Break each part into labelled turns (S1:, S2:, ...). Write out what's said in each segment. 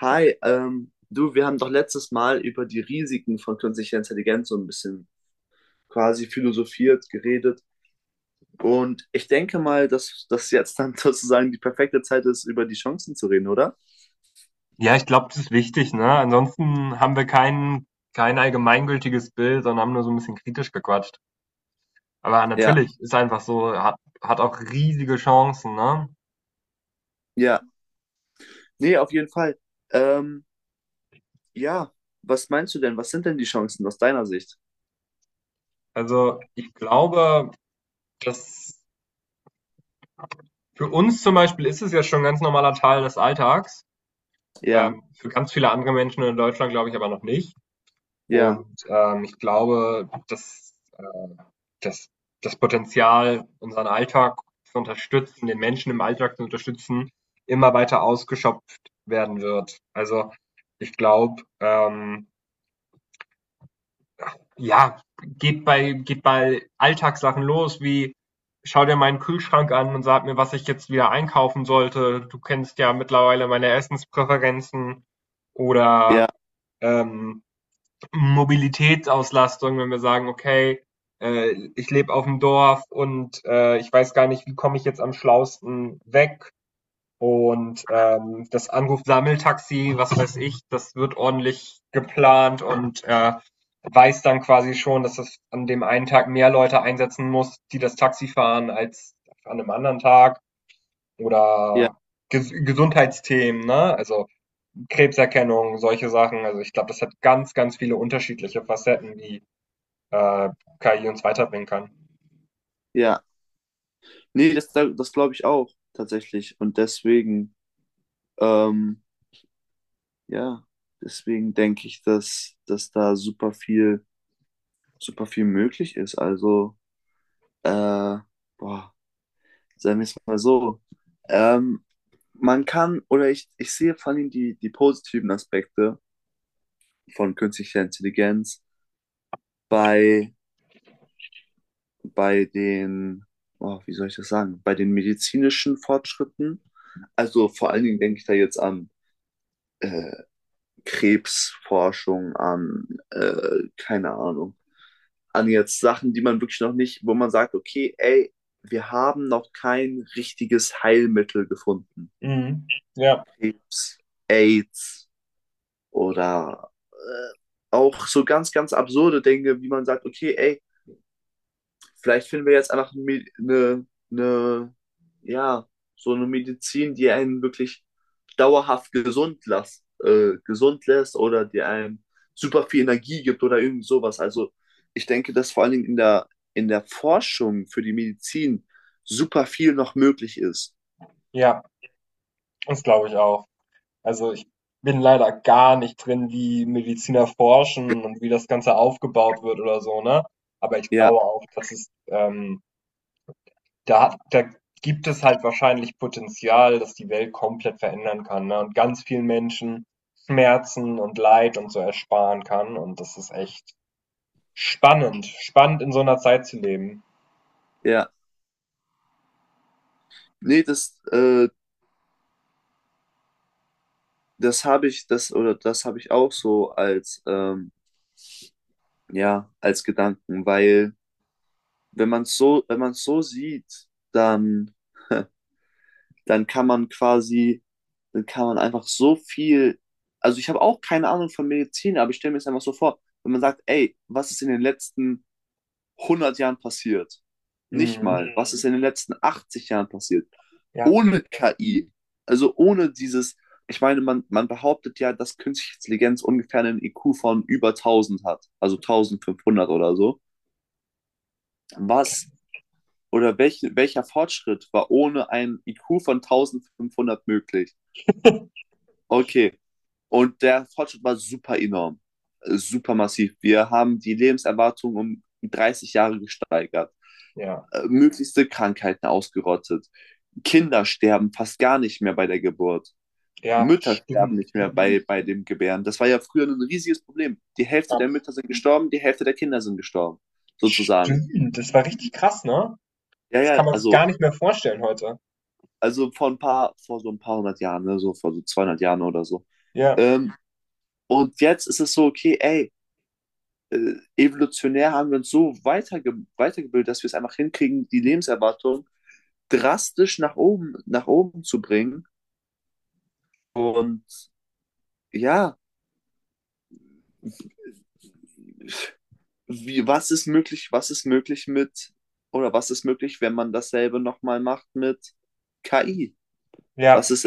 S1: Hi, du, wir haben doch letztes Mal über die Risiken von künstlicher Intelligenz so ein bisschen quasi philosophiert, geredet. Und ich denke mal, dass das jetzt dann sozusagen die perfekte Zeit ist, über die Chancen zu reden, oder?
S2: Ja, ich glaube, das ist wichtig, ne? Ansonsten haben wir kein allgemeingültiges Bild, sondern haben nur so ein bisschen kritisch gequatscht. Aber
S1: Ja,
S2: natürlich, ist einfach so, hat auch riesige Chancen, ne?
S1: ja. Nee, auf jeden Fall. Ähm, ja, was meinst du denn? Was sind denn die Chancen aus deiner Sicht?
S2: Also, ich glaube, dass für uns zum Beispiel ist es ja schon 'n ganz normaler Teil des Alltags.
S1: Ja,
S2: Für ganz viele andere Menschen in Deutschland glaube ich aber noch nicht.
S1: ja,
S2: Und, ich glaube, dass, dass das Potenzial, unseren Alltag zu unterstützen, den Menschen im Alltag zu unterstützen, immer weiter ausgeschöpft werden wird. Also, ich glaube, ja, geht bei Alltagssachen los, wie: „Schau dir meinen Kühlschrank an und sag mir, was ich jetzt wieder einkaufen sollte. Du kennst ja mittlerweile meine Essenspräferenzen.“
S1: ja,
S2: Oder, ähm Mobilitätsauslastung, wenn wir sagen, okay, ich lebe auf dem Dorf und ich weiß gar nicht, wie komme ich jetzt am schlausten weg. Und das Anruf-Sammeltaxi, was weiß ich, das wird ordentlich geplant und weiß dann quasi schon, dass das an dem einen Tag mehr Leute einsetzen muss, die das Taxi fahren, als an einem anderen Tag.
S1: ja,
S2: Oder Gesundheitsthemen, ne? Also Krebserkennung, solche Sachen. Also ich glaube, das hat ganz, ganz viele unterschiedliche Facetten, die äh, KI uns weiterbringen kann.
S1: ja. Nee, das glaube ich auch tatsächlich. Und deswegen, ähm, ja, deswegen denke ich, dass, dass da super viel möglich ist. Also, äh, boah, sagen wir es mal so. Ähm, man kann, oder ich sehe vor allem die positiven Aspekte von künstlicher Intelligenz bei, bei den, oh, wie soll ich das sagen, bei den medizinischen Fortschritten. Also vor allen Dingen
S2: Mhm.
S1: denke ich da jetzt an äh, Krebsforschung, an, keine Ahnung, an jetzt Sachen, die man wirklich noch nicht, wo man sagt, okay, ey, wir haben noch kein richtiges Heilmittel gefunden.
S2: Mhm. Ja,
S1: Krebs, AIDS oder auch so ganz, ganz absurde Dinge, wie man sagt, okay, ey, vielleicht finden wir jetzt einfach eine, ja, so eine Medizin, die einen wirklich dauerhaft gesund lässt oder die einem super viel Energie gibt oder irgend sowas. Also ich denke, dass vor allen Dingen in der Forschung für die Medizin super viel noch möglich ist.
S2: ja, das glaube ich auch. Also ich bin leider gar nicht drin, wie Mediziner forschen und wie das Ganze aufgebaut wird oder so, ne? Aber ich
S1: Ja,
S2: glaube auch, dass es, da gibt es halt wahrscheinlich Potenzial, dass die Welt komplett verändern kann, ne? Und ganz vielen Menschen Schmerzen und Leid und so ersparen kann. Und das ist echt spannend in so einer Zeit zu leben.
S1: ja. Nee, das habe ich, das, oder das habe ich auch so als, ja, als Gedanken, weil wenn man es so sieht, dann dann kann man quasi, dann kann man einfach so viel, also ich habe auch keine Ahnung von Medizin, aber ich stelle mir es einfach so vor, wenn man sagt, ey, was ist in den letzten 100 Jahren passiert? Nicht
S2: Mhm.
S1: mal, was ist in den letzten 80 Jahren passiert?
S2: Ja,
S1: Ohne KI, also ohne dieses, ich meine, man behauptet ja, dass künstliche Intelligenz ungefähr einen IQ von über 1000 hat, also 1500 oder so. Was oder welcher Fortschritt war ohne einen IQ von 1500 möglich? Okay. Und der Fortschritt war super enorm, super massiv. Wir haben die Lebenserwartung um 30 Jahre gesteigert,
S2: ja,
S1: möglichste Krankheiten ausgerottet. Kinder sterben fast gar nicht mehr bei der Geburt.
S2: ja,
S1: Mütter sterben
S2: stimmt,
S1: nicht mehr
S2: ja,
S1: bei dem Gebären. Das war ja früher ein riesiges Problem. Die Hälfte
S2: ab
S1: der Mütter sind gestorben, die Hälfte der Kinder sind gestorben, sozusagen.
S2: stimmt, das war richtig krass, ne?
S1: Ja,
S2: Das kann
S1: ja,
S2: man sich
S1: also,
S2: gar nicht mehr vorstellen heute.
S1: also vor ein paar, vor so ein paar hundert Jahren, ne, so vor so 200 Jahren oder so.
S2: Ja,
S1: Ähm, und jetzt ist es so, okay, ey, evolutionär haben wir uns so weitergebildet, dass wir es einfach hinkriegen, die Lebenserwartung drastisch nach oben zu bringen. Und ja, was ist möglich mit, oder was ist möglich, wenn man dasselbe nochmal macht mit KI? Was
S2: ja,
S1: ist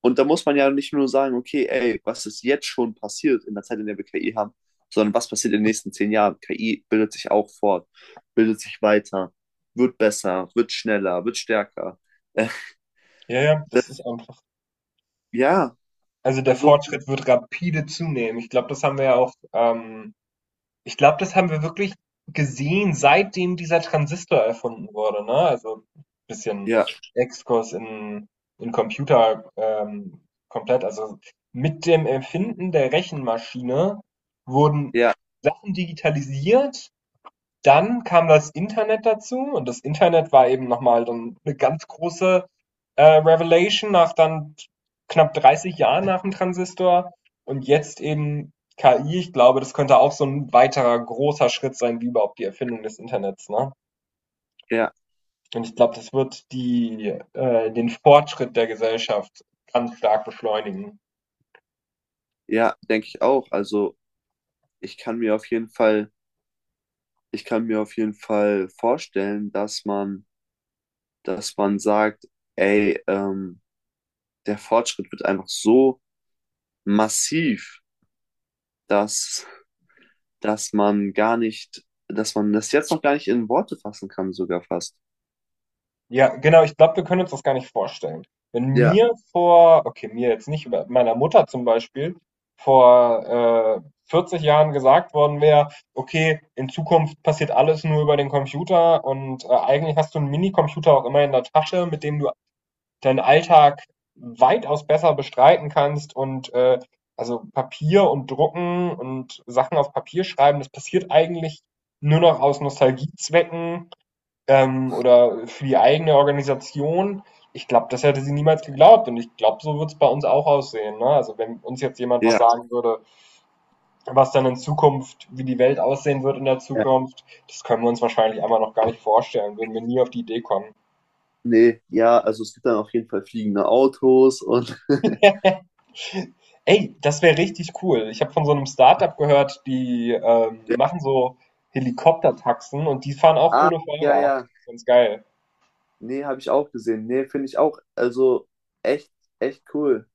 S1: Und da muss man ja nicht nur sagen, okay, ey, was ist jetzt schon passiert in der Zeit, in der wir KI haben, sondern was passiert in den nächsten 10 Jahren? KI bildet sich auch fort, bildet sich weiter, wird besser, wird schneller, wird stärker. Äh,
S2: ja, ja, das ist
S1: das,
S2: einfach
S1: ja,
S2: also, der
S1: also,
S2: Fortschritt wird rapide zunehmen. Ich glaube, das haben wir ja auch, Ich glaube, das haben wir wirklich gesehen, seitdem dieser Transistor erfunden wurde, ne? Also bisschen
S1: ja,
S2: Exkurs in Computer komplett. Also mit dem Erfinden der Rechenmaschine wurden
S1: ja,
S2: Sachen digitalisiert. Dann kam das Internet dazu und das Internet war eben nochmal dann eine ganz große Revelation nach dann knapp 30 Jahren nach dem Transistor und jetzt eben KI. Ich glaube, das könnte auch so ein weiterer großer Schritt sein, wie überhaupt die Erfindung des Internets, ne?
S1: ja,
S2: Und ich glaube, das wird den Fortschritt der Gesellschaft ganz stark beschleunigen.
S1: ja, denke ich auch. Also, ich kann mir auf jeden Fall, ich kann mir auf jeden Fall vorstellen, dass man sagt, ey, der Fortschritt wird einfach so massiv, dass dass man gar nicht, dass man das jetzt noch gar nicht in Worte fassen kann, sogar fast.
S2: Ja, genau, ich glaube, wir können uns das gar nicht vorstellen. Wenn
S1: Ja,
S2: mir vor, okay, mir jetzt nicht, aber meiner Mutter zum Beispiel, vor 40 Jahren gesagt worden wäre, okay, in Zukunft passiert alles nur über den Computer und eigentlich hast du einen Minicomputer auch immer in der Tasche, mit dem du deinen Alltag weitaus besser bestreiten kannst und also Papier und Drucken und Sachen auf Papier schreiben, das passiert eigentlich nur noch aus Nostalgiezwecken oder für die eigene Organisation. Ich glaube, das hätte sie niemals geglaubt und ich glaube, so wird es bei uns auch aussehen. Ne? Also wenn uns jetzt jemand was
S1: ja,
S2: sagen würde, was dann in Zukunft, wie die Welt aussehen wird in der
S1: ja,
S2: Zukunft, das können wir uns wahrscheinlich einmal noch gar nicht vorstellen, würden wir nie auf die Idee kommen.
S1: nee, ja, also es gibt dann auf jeden Fall fliegende Autos und
S2: Ey, das wäre richtig cool. Ich habe von so einem Startup gehört, die
S1: ja,
S2: machen so Helikoptertaxen und die fahren auch
S1: ah,
S2: ohne
S1: ja,
S2: Fahrer.
S1: ja,
S2: Ganz geil.
S1: nee, habe ich auch gesehen. Nee, finde ich auch, also echt, echt cool.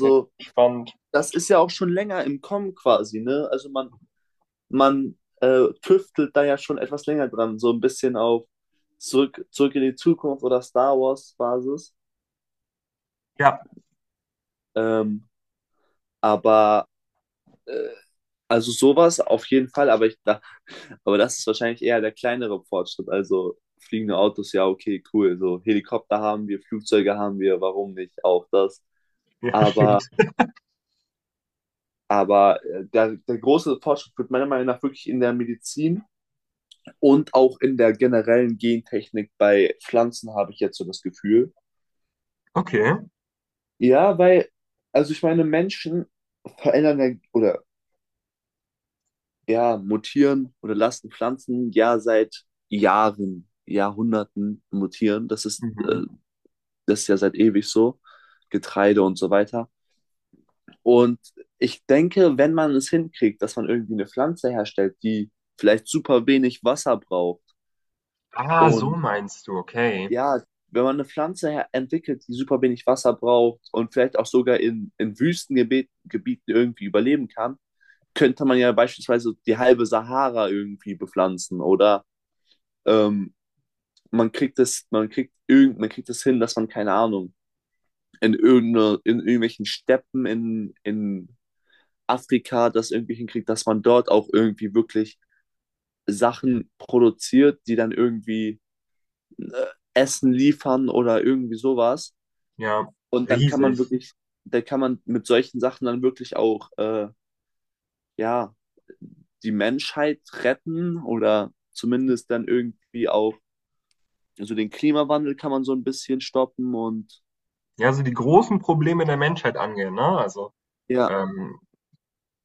S2: Ja, spannend.
S1: das ist ja auch schon länger im Kommen quasi, ne? Also man tüftelt da ja schon etwas länger dran, so ein bisschen auf zurück in die Zukunft oder Star Wars Basis.
S2: Ja,
S1: Ähm, aber Also sowas auf jeden Fall, aber das ist wahrscheinlich eher der kleinere Fortschritt. Also fliegende Autos, ja, okay, cool. So Helikopter haben wir, Flugzeuge haben wir, warum nicht auch das?
S2: ja,
S1: Aber,
S2: stimmt.
S1: aber der große Fortschritt wird meiner Meinung nach wirklich in der Medizin und auch in der generellen Gentechnik bei Pflanzen, habe ich jetzt so das Gefühl.
S2: Okay.
S1: Ja, weil, also ich meine, Menschen verändern ja oder ja, mutieren oder lassen Pflanzen ja seit Jahren, Jahrhunderten mutieren. Das ist, äh,
S2: Mhm.
S1: das ist ja seit ewig so. Getreide und so weiter. Und ich denke, wenn man es hinkriegt, dass man irgendwie eine Pflanze herstellt, die vielleicht super wenig Wasser braucht
S2: Ah, so
S1: und
S2: meinst du, okay.
S1: ja, wenn man eine Pflanze entwickelt, die super wenig Wasser braucht und vielleicht auch sogar in Wüstengebieten Gebieten irgendwie überleben kann, könnte man ja beispielsweise die halbe Sahara irgendwie bepflanzen oder ähm, man kriegt das hin, dass man, keine Ahnung, in irgendwelchen Steppen in Afrika das irgendwie hinkriegt, dass man dort auch irgendwie wirklich Sachen produziert, die dann irgendwie äh, Essen liefern oder irgendwie sowas.
S2: Ja,
S1: Und dann kann man
S2: riesig.
S1: wirklich, da kann man mit solchen Sachen dann wirklich auch, ja, die Menschheit retten oder zumindest dann irgendwie auch, also den Klimawandel kann man so ein bisschen stoppen und
S2: Ja, also die großen Probleme der Menschheit angehen, ne? Also
S1: ja,
S2: ähm,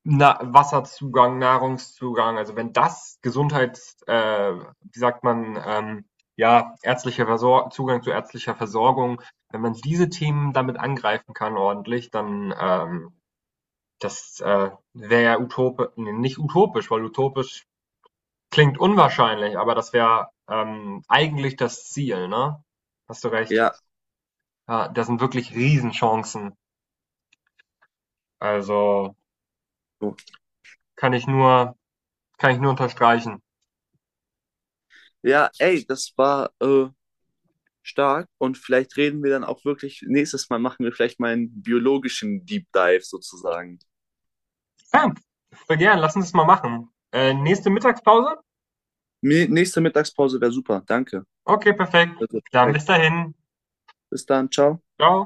S2: Wasserzugang, Nahrungszugang, also wenn das wie sagt man, ja, ärztlicher Versor Zugang zu ärztlicher Versorgung, wenn man diese Themen damit angreifen kann ordentlich, dann das wäre ja utopi ne, nicht utopisch, weil utopisch klingt unwahrscheinlich, aber das wäre eigentlich das Ziel, ne? Hast du recht.
S1: ja,
S2: Ja, das sind wirklich Riesenchancen. Also
S1: so.
S2: kann ich nur, kann ich nur unterstreichen.
S1: Ja, ey, das war stark und vielleicht reden wir dann auch wirklich, nächstes Mal machen wir vielleicht mal einen biologischen Deep Dive sozusagen.
S2: Ja, voll gern, lass uns das mal machen. Nächste Mittagspause?
S1: Nächste Mittagspause wäre super, danke.
S2: Okay, perfekt.
S1: Also,
S2: Dann bis
S1: perfekt.
S2: dahin.
S1: Bis dann, ciao.
S2: Ciao.